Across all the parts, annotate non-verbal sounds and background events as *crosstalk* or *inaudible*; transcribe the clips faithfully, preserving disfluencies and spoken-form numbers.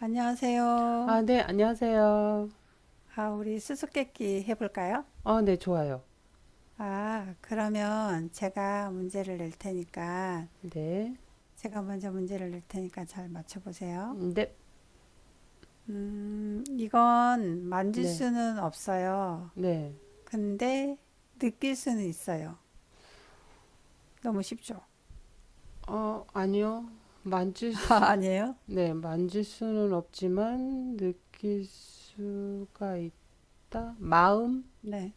안녕하세요. 아, 네, 안녕하세요. 아, 우리 수수께끼 해볼까요? 어, 네, 좋아요. 아, 그러면 제가 문제를 낼 테니까, 네, 제가 먼저 문제를 낼 테니까 잘 맞춰보세요. 네, 음, 이건 만질 네, 수는 없어요. 네. 근데 느낄 수는 있어요. 너무 쉽죠? 어, 아니요. 만질 *laughs* 아, 수, 아니에요? 네, 만질 수는 없지만 느낄 수가 있다. 마음, 네.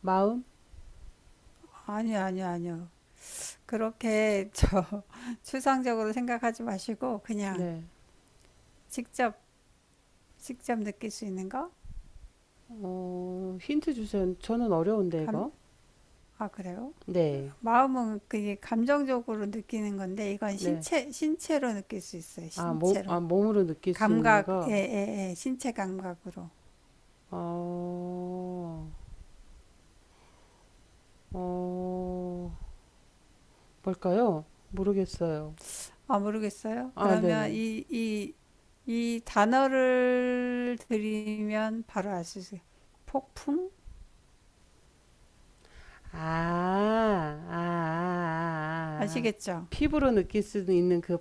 마음, 아니요, 아니요, 아니요. 그렇게 저 *laughs* 추상적으로 생각하지 마시고, 그냥 네. 직접, 직접 느낄 수 있는 거? 어, 힌트 주세요. 저는 어려운데 이거. 감, 아, 그래요? 네, 마음은 그게 감정적으로 느끼는 건데 이건 네. 신체 신체로 느낄 수 있어요. 아, 몸, 아, 신체로 몸으로 느낄 수 있는 감각 예 거. 예 예, 신체 감각으로 어, 어, 뭘까요? 모르겠어요. 아 모르겠어요. 아, 그러면 네네. 이 이 이 단어를 드리면 바로 알 수 있어요. 폭풍 아, 아, 아, 아. 아시겠죠? 피부로 느낄 수 있는 그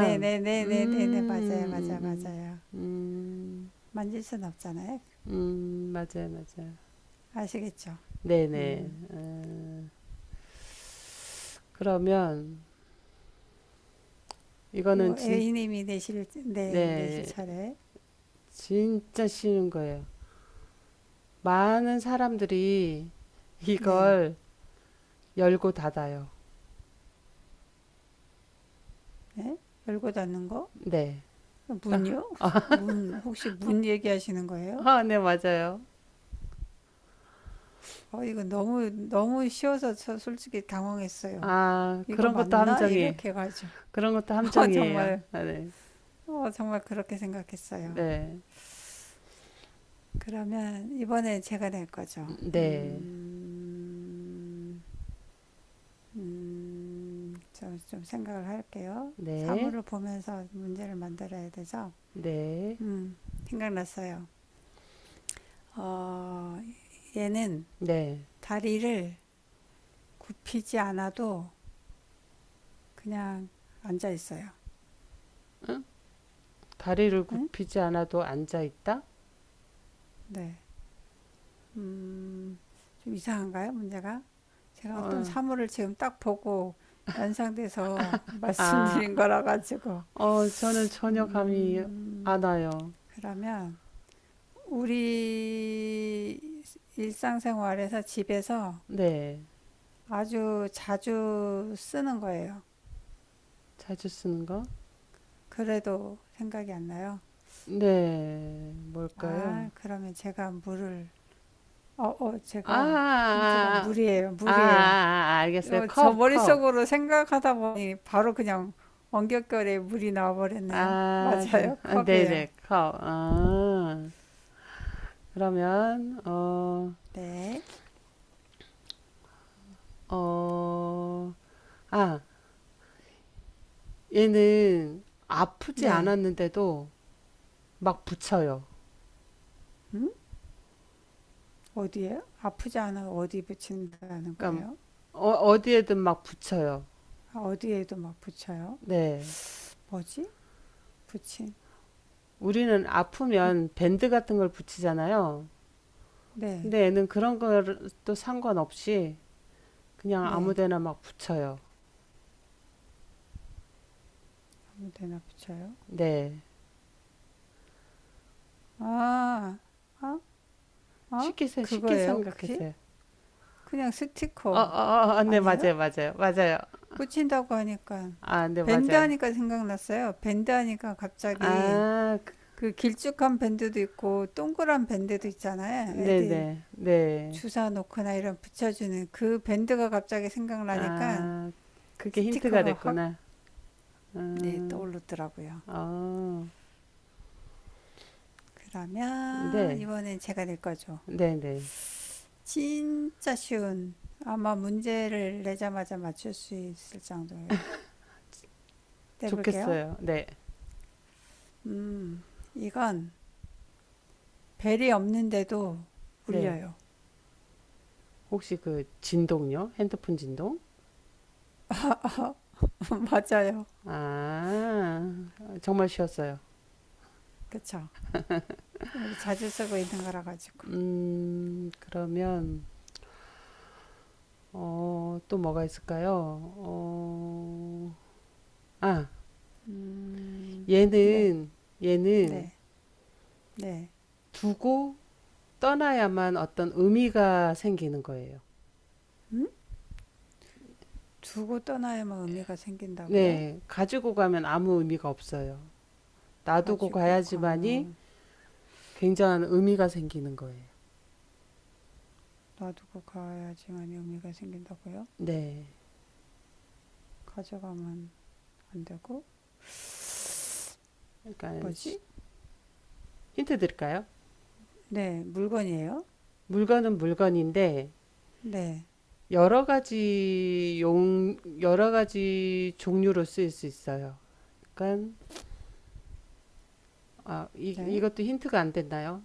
네 네네네네네 맞아요 맞아 요 음, 음, 음, 맞아요 음, 만질 순 없잖아요. 음, 맞아요, 맞아요. 아시겠죠? 네네. 음요 어, 그러면 이거는 진, A님이 내실 네 내실 네, 차례 진짜 쉬운 거예요. 많은 사람들이 네. 이걸 열고 닫아요. 네? 열고 닫는 거 네. 딱, 문요? 아, *laughs* 문 혹시 문 얘기하시는 거예요? 아, 네, 맞아요. 어, 이거 너무 너무 쉬워서 저 솔직히 당황했어요. 아, 이거 그런 것도 맞나? 함정이에요. 이렇게 가죠. 그런 것도 *laughs* 어, 함정이에요. 정말 아, 네. 어, 정말 그렇게 생각했어요. 네. 그러면 이번에 제가 낼 거죠. 네, 음, 음, 저 좀 생각을 할게요. 네, 사물을 보면서 문제를 만들어야 되죠. 네, 음, 생각났어요. 어, 얘는 네. 다리를 굽히지 않아도 그냥 앉아 있어요. 다리를 응? 굽히지 않아도 앉아 있다? 네. 음, 좀 이상한가요, 문제가? 제가 어떤 어, 사물을 지금 딱 보고 연상돼서 *laughs* 아, 말씀드린 거라 가지고. 어, 저는 전혀 감이 안 음, 와요. 그러면 우리 일상생활에서 집에서 네, 아주 자주 쓰는 거예요. 자주 쓰는 거? 그래도 생각이 안 나요. 네, 뭘까요? 아, 그러면 제가 물을, 어, 어, 아, 제가 힌트가 아, 물이에요, 아, 아, 아, 물이에요. 아, 알겠어요. 어, 저 컵, 컵. 머릿속으로 생각하다 보니 바로 그냥 원격결에 물이 나와버렸네요. 아, 그럼, 맞아요. 아, 컵이에요. 네네, 컵. 아, 그러면, 어, 네. 어, 아, 얘는 아프지 네. 않았는데도 막 붙여요. 음? 어디에요? 아프지 않아 어디 붙인다는 그러니까 거예요? 어, 어디에든 막 붙여요. 아, 어디에도 막 붙여요? 네. 뭐지? 붙인. 우리는 부... 아프면 밴드 같은 걸 붙이잖아요. 네. 근데 애는 그런 것도 상관없이 그냥 아무 네. 데나 막 붙여요. 아무 데나 붙여요. 네. 아. 아? 아? 쉽게, 세- 쉽게 그거예요, 혹시? 생각했어요. 그냥 어, 어, 스티커. 어, 어, 네, 아니에요? 맞아요, 맞아요, 맞아요. 붙인다고 하니까 아, 네, 밴드 맞아요. 하니까 생각났어요. 밴드 하니까 갑자기 아, 그- 그 길쭉한 밴드도 있고 동그란 밴드도 있잖아요. 네네, 애들 네. 네. 주사 놓거나 이런 붙여주는 그 밴드가 갑자기 생각나니까 아, 그게 힌트가 스티커가 확 됐구나. 네, 음, 떠오르더라고요. 어, 그러면 네, 이번엔 제가 낼 거죠. 네네. 진짜 쉬운 아마 문제를 내자마자 맞출 수 있을 정도로 내볼게요. 좋겠어요. 네. 음, 이건 벨이 없는데도 네. 울려요. 혹시 그 진동요? 핸드폰 진동? *laughs* 맞아요. 아, 정말 쉬웠어요. 그쵸? 우리 자주 쓰고 있는 거라 가지고. 음, 그러면, 어, 또 뭐가 있을까요? 어, 아, 음, 네. 얘는, 얘는 네, 네. 두고 떠나야만 어떤 의미가 생기는 거예요. 음? 두고 떠나야만 의미가 생긴다고요? 네, 가지고 가면 아무 의미가 없어요. 놔두고 가지고 가야지만이 가면 굉장한 의미가 생기는 거예요. 놔두고 가야지만 의미가 생긴다고요? 네, 가져가면 안 되고? 그러니까 뭐지? 힌트 드릴까요? 네, 물건이에요? 물건은 물건인데, 네, 여러 가지 용, 여러 가지 종류로 쓰일 수 있어요. 그러니까, 아, 이, 네. 이것도 힌트가 안 됐나요?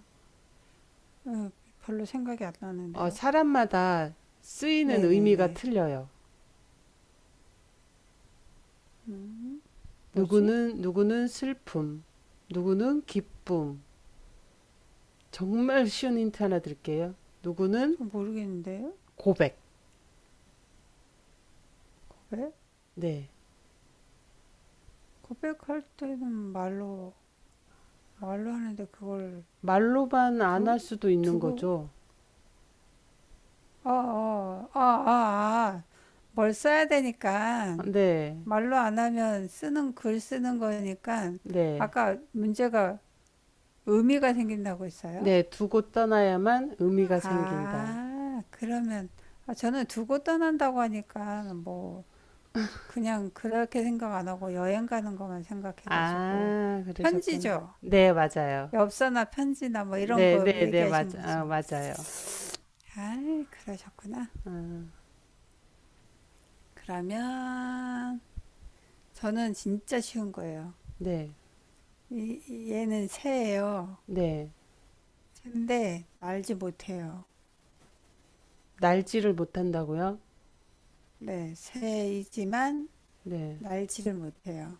어, 별로 생각이 안 어, 나는데요. 사람마다 쓰이는 네, 네, 의미가 네. 틀려요. 음, 뭐지? 누구는, 누구는 슬픔, 누구는 기쁨. 정말 쉬운 힌트 하나 드릴게요. 누구는 좀 모르겠는데요. 고백. 고백? 네. 고백할 때는 말로 말로 하는데 그걸 말로만 안 두 할 수도 있는 두고 거죠. 아, 아, 아, 아, 아. 뭘 써야 되니까 아, 네. 말로 안 하면 쓰는 글 쓰는 거니까 네. 아까 문제가 의미가 생긴다고 했어요? 네. 두고 떠나야만 의미가 생긴다. 아, 그러면 아, 저는 두고 떠난다고 하니까 뭐 그냥 그렇게 생각 안 하고 여행 가는 것만 생각해가지고 아, 그러셨구나. 편지죠. 네, 맞아요. 엽서나 편지나 뭐 이런 네, 거 네, 네, 얘기하신 맞, 아, 거죠. 맞아요. 아, 그러셨구나. 아, 그러면 저는 진짜 쉬운 거예요. 네, 이- 얘는 새예요. 네. 새인데 알지 못해요. 날지를 못한다고요? 네, 새이지만 네. 날지를 못해요.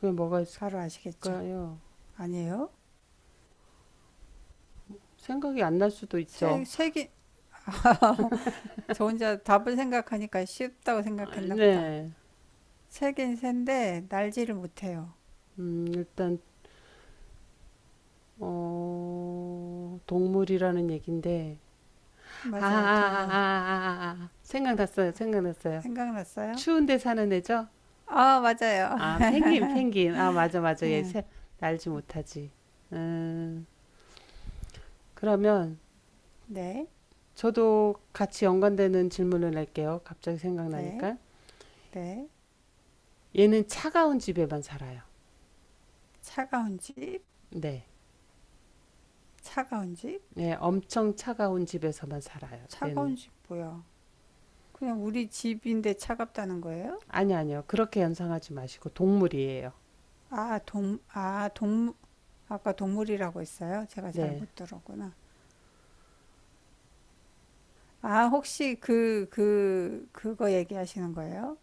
그게 뭐가 바로 아시겠죠? 있을까요? 아니에요? 생각이 안 날 수도 새, 있죠. 새긴, *laughs* 저 혼자 답을 생각하니까 쉽다고 아, 생각했나 보다. 네. 새긴 새인데 날지를 못해요. 음, 일단, 어, 동물이라는 얘긴데. 아, 아, 아, 맞아요, 아, 동물. 아, 아. 아, 아. 생각났어요. 생각났어요. 생각났어요? 추운데 사는 애죠? 아, 맞아요. 아, *laughs* 펭귄, 펭귄. 아, 맞아, 맞아. 얘 새, 날지 못하지. 음, 그러면, 네, 저도 같이 연관되는 질문을 낼게요. 갑자기 네, 생각나니까. 네. 얘는 차가운 집에만 살아요. 차가운 집, 네. 차가운 집, 네, 엄청 차가운 집에서만 살아요. 얘는. 차가운 집 뭐야? 그냥 우리 집인데 차갑다는 거예요? 아니, 아니요. 그렇게 연상하지 마시고, 동물이에요. 아, 동, 아, 동, 아까 동물이라고 했어요? 제가 잘 네. 못 들었구나. 아, 혹시 그, 그, 그거 얘기하시는 거예요?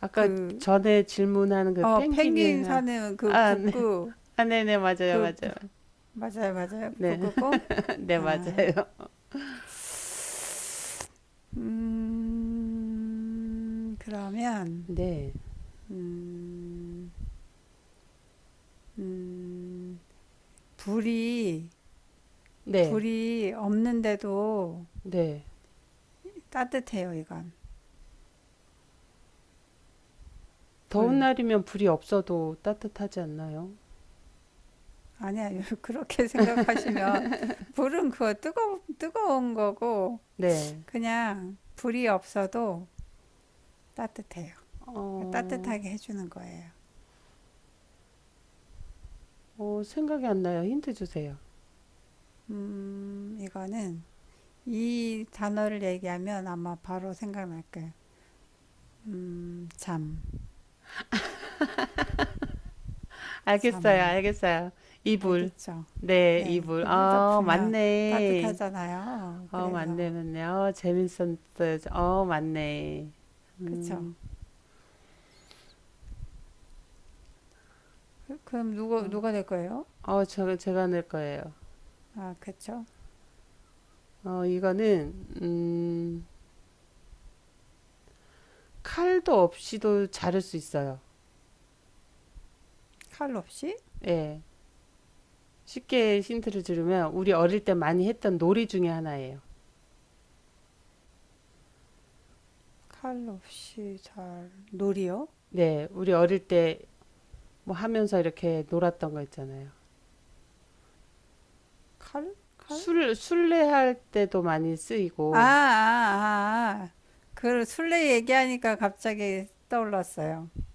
아까 그, 전에 질문하는 그 어, 펭귄 펭귄이랑, 사는 그 아, 네. 북극, 아, 네네, 맞아요, 그, 부- 맞아요. 맞아요, 맞아요. 네. 북극곰? *laughs* 네, 맞아요. 아, 음, 그러면, 네. 음, 음, 불이, 네. 불이 없는데도 네. 따뜻해요, 이건. 더운 불. 날이면 불이 없어도 따뜻하지 않나요? 아니야, *laughs* 그렇게 생각하시면, 불은 그거 뜨거, 뜨거운 거고, 네. 그냥 불이 없어도, 따뜻해요. 그러니까 어, 따뜻하게 해주는 거예요. 어, 생각이 안 나요. 힌트 주세요. 음, 이거는 이 단어를 얘기하면 아마 바로 생각날 거예요. 음, 잠, 알겠어요, 잠. 알겠어요. 이불. 알겠죠? 네, 네, 이불. 이불 어, 덮으면 맞네. 따뜻하잖아요. 어, 그래서 맞네, 맞네. 어, 재밌었어요. 어, 맞네. 그쵸? 그- 그럼 누가 누가 될 거예요? 어, 저, 제가 낼 거예요. 아, 그쵸? 어, 이거는, 음, 칼도 없이도 자를 수 있어요. 칼 없이? 예. 쉽게 힌트를 들으면, 우리 어릴 때 많이 했던 놀이 중에 하나예요. 칼 없이 잘 놀이요? 네, 우리 어릴 때 뭐 하면서 이렇게 놀았던 거 있잖아요. 칼? 칼? 술, 술래할 때도 많이 아, 아, 쓰이고, 아, 아. 그 술래 얘기하니까 갑자기 떠올랐어요.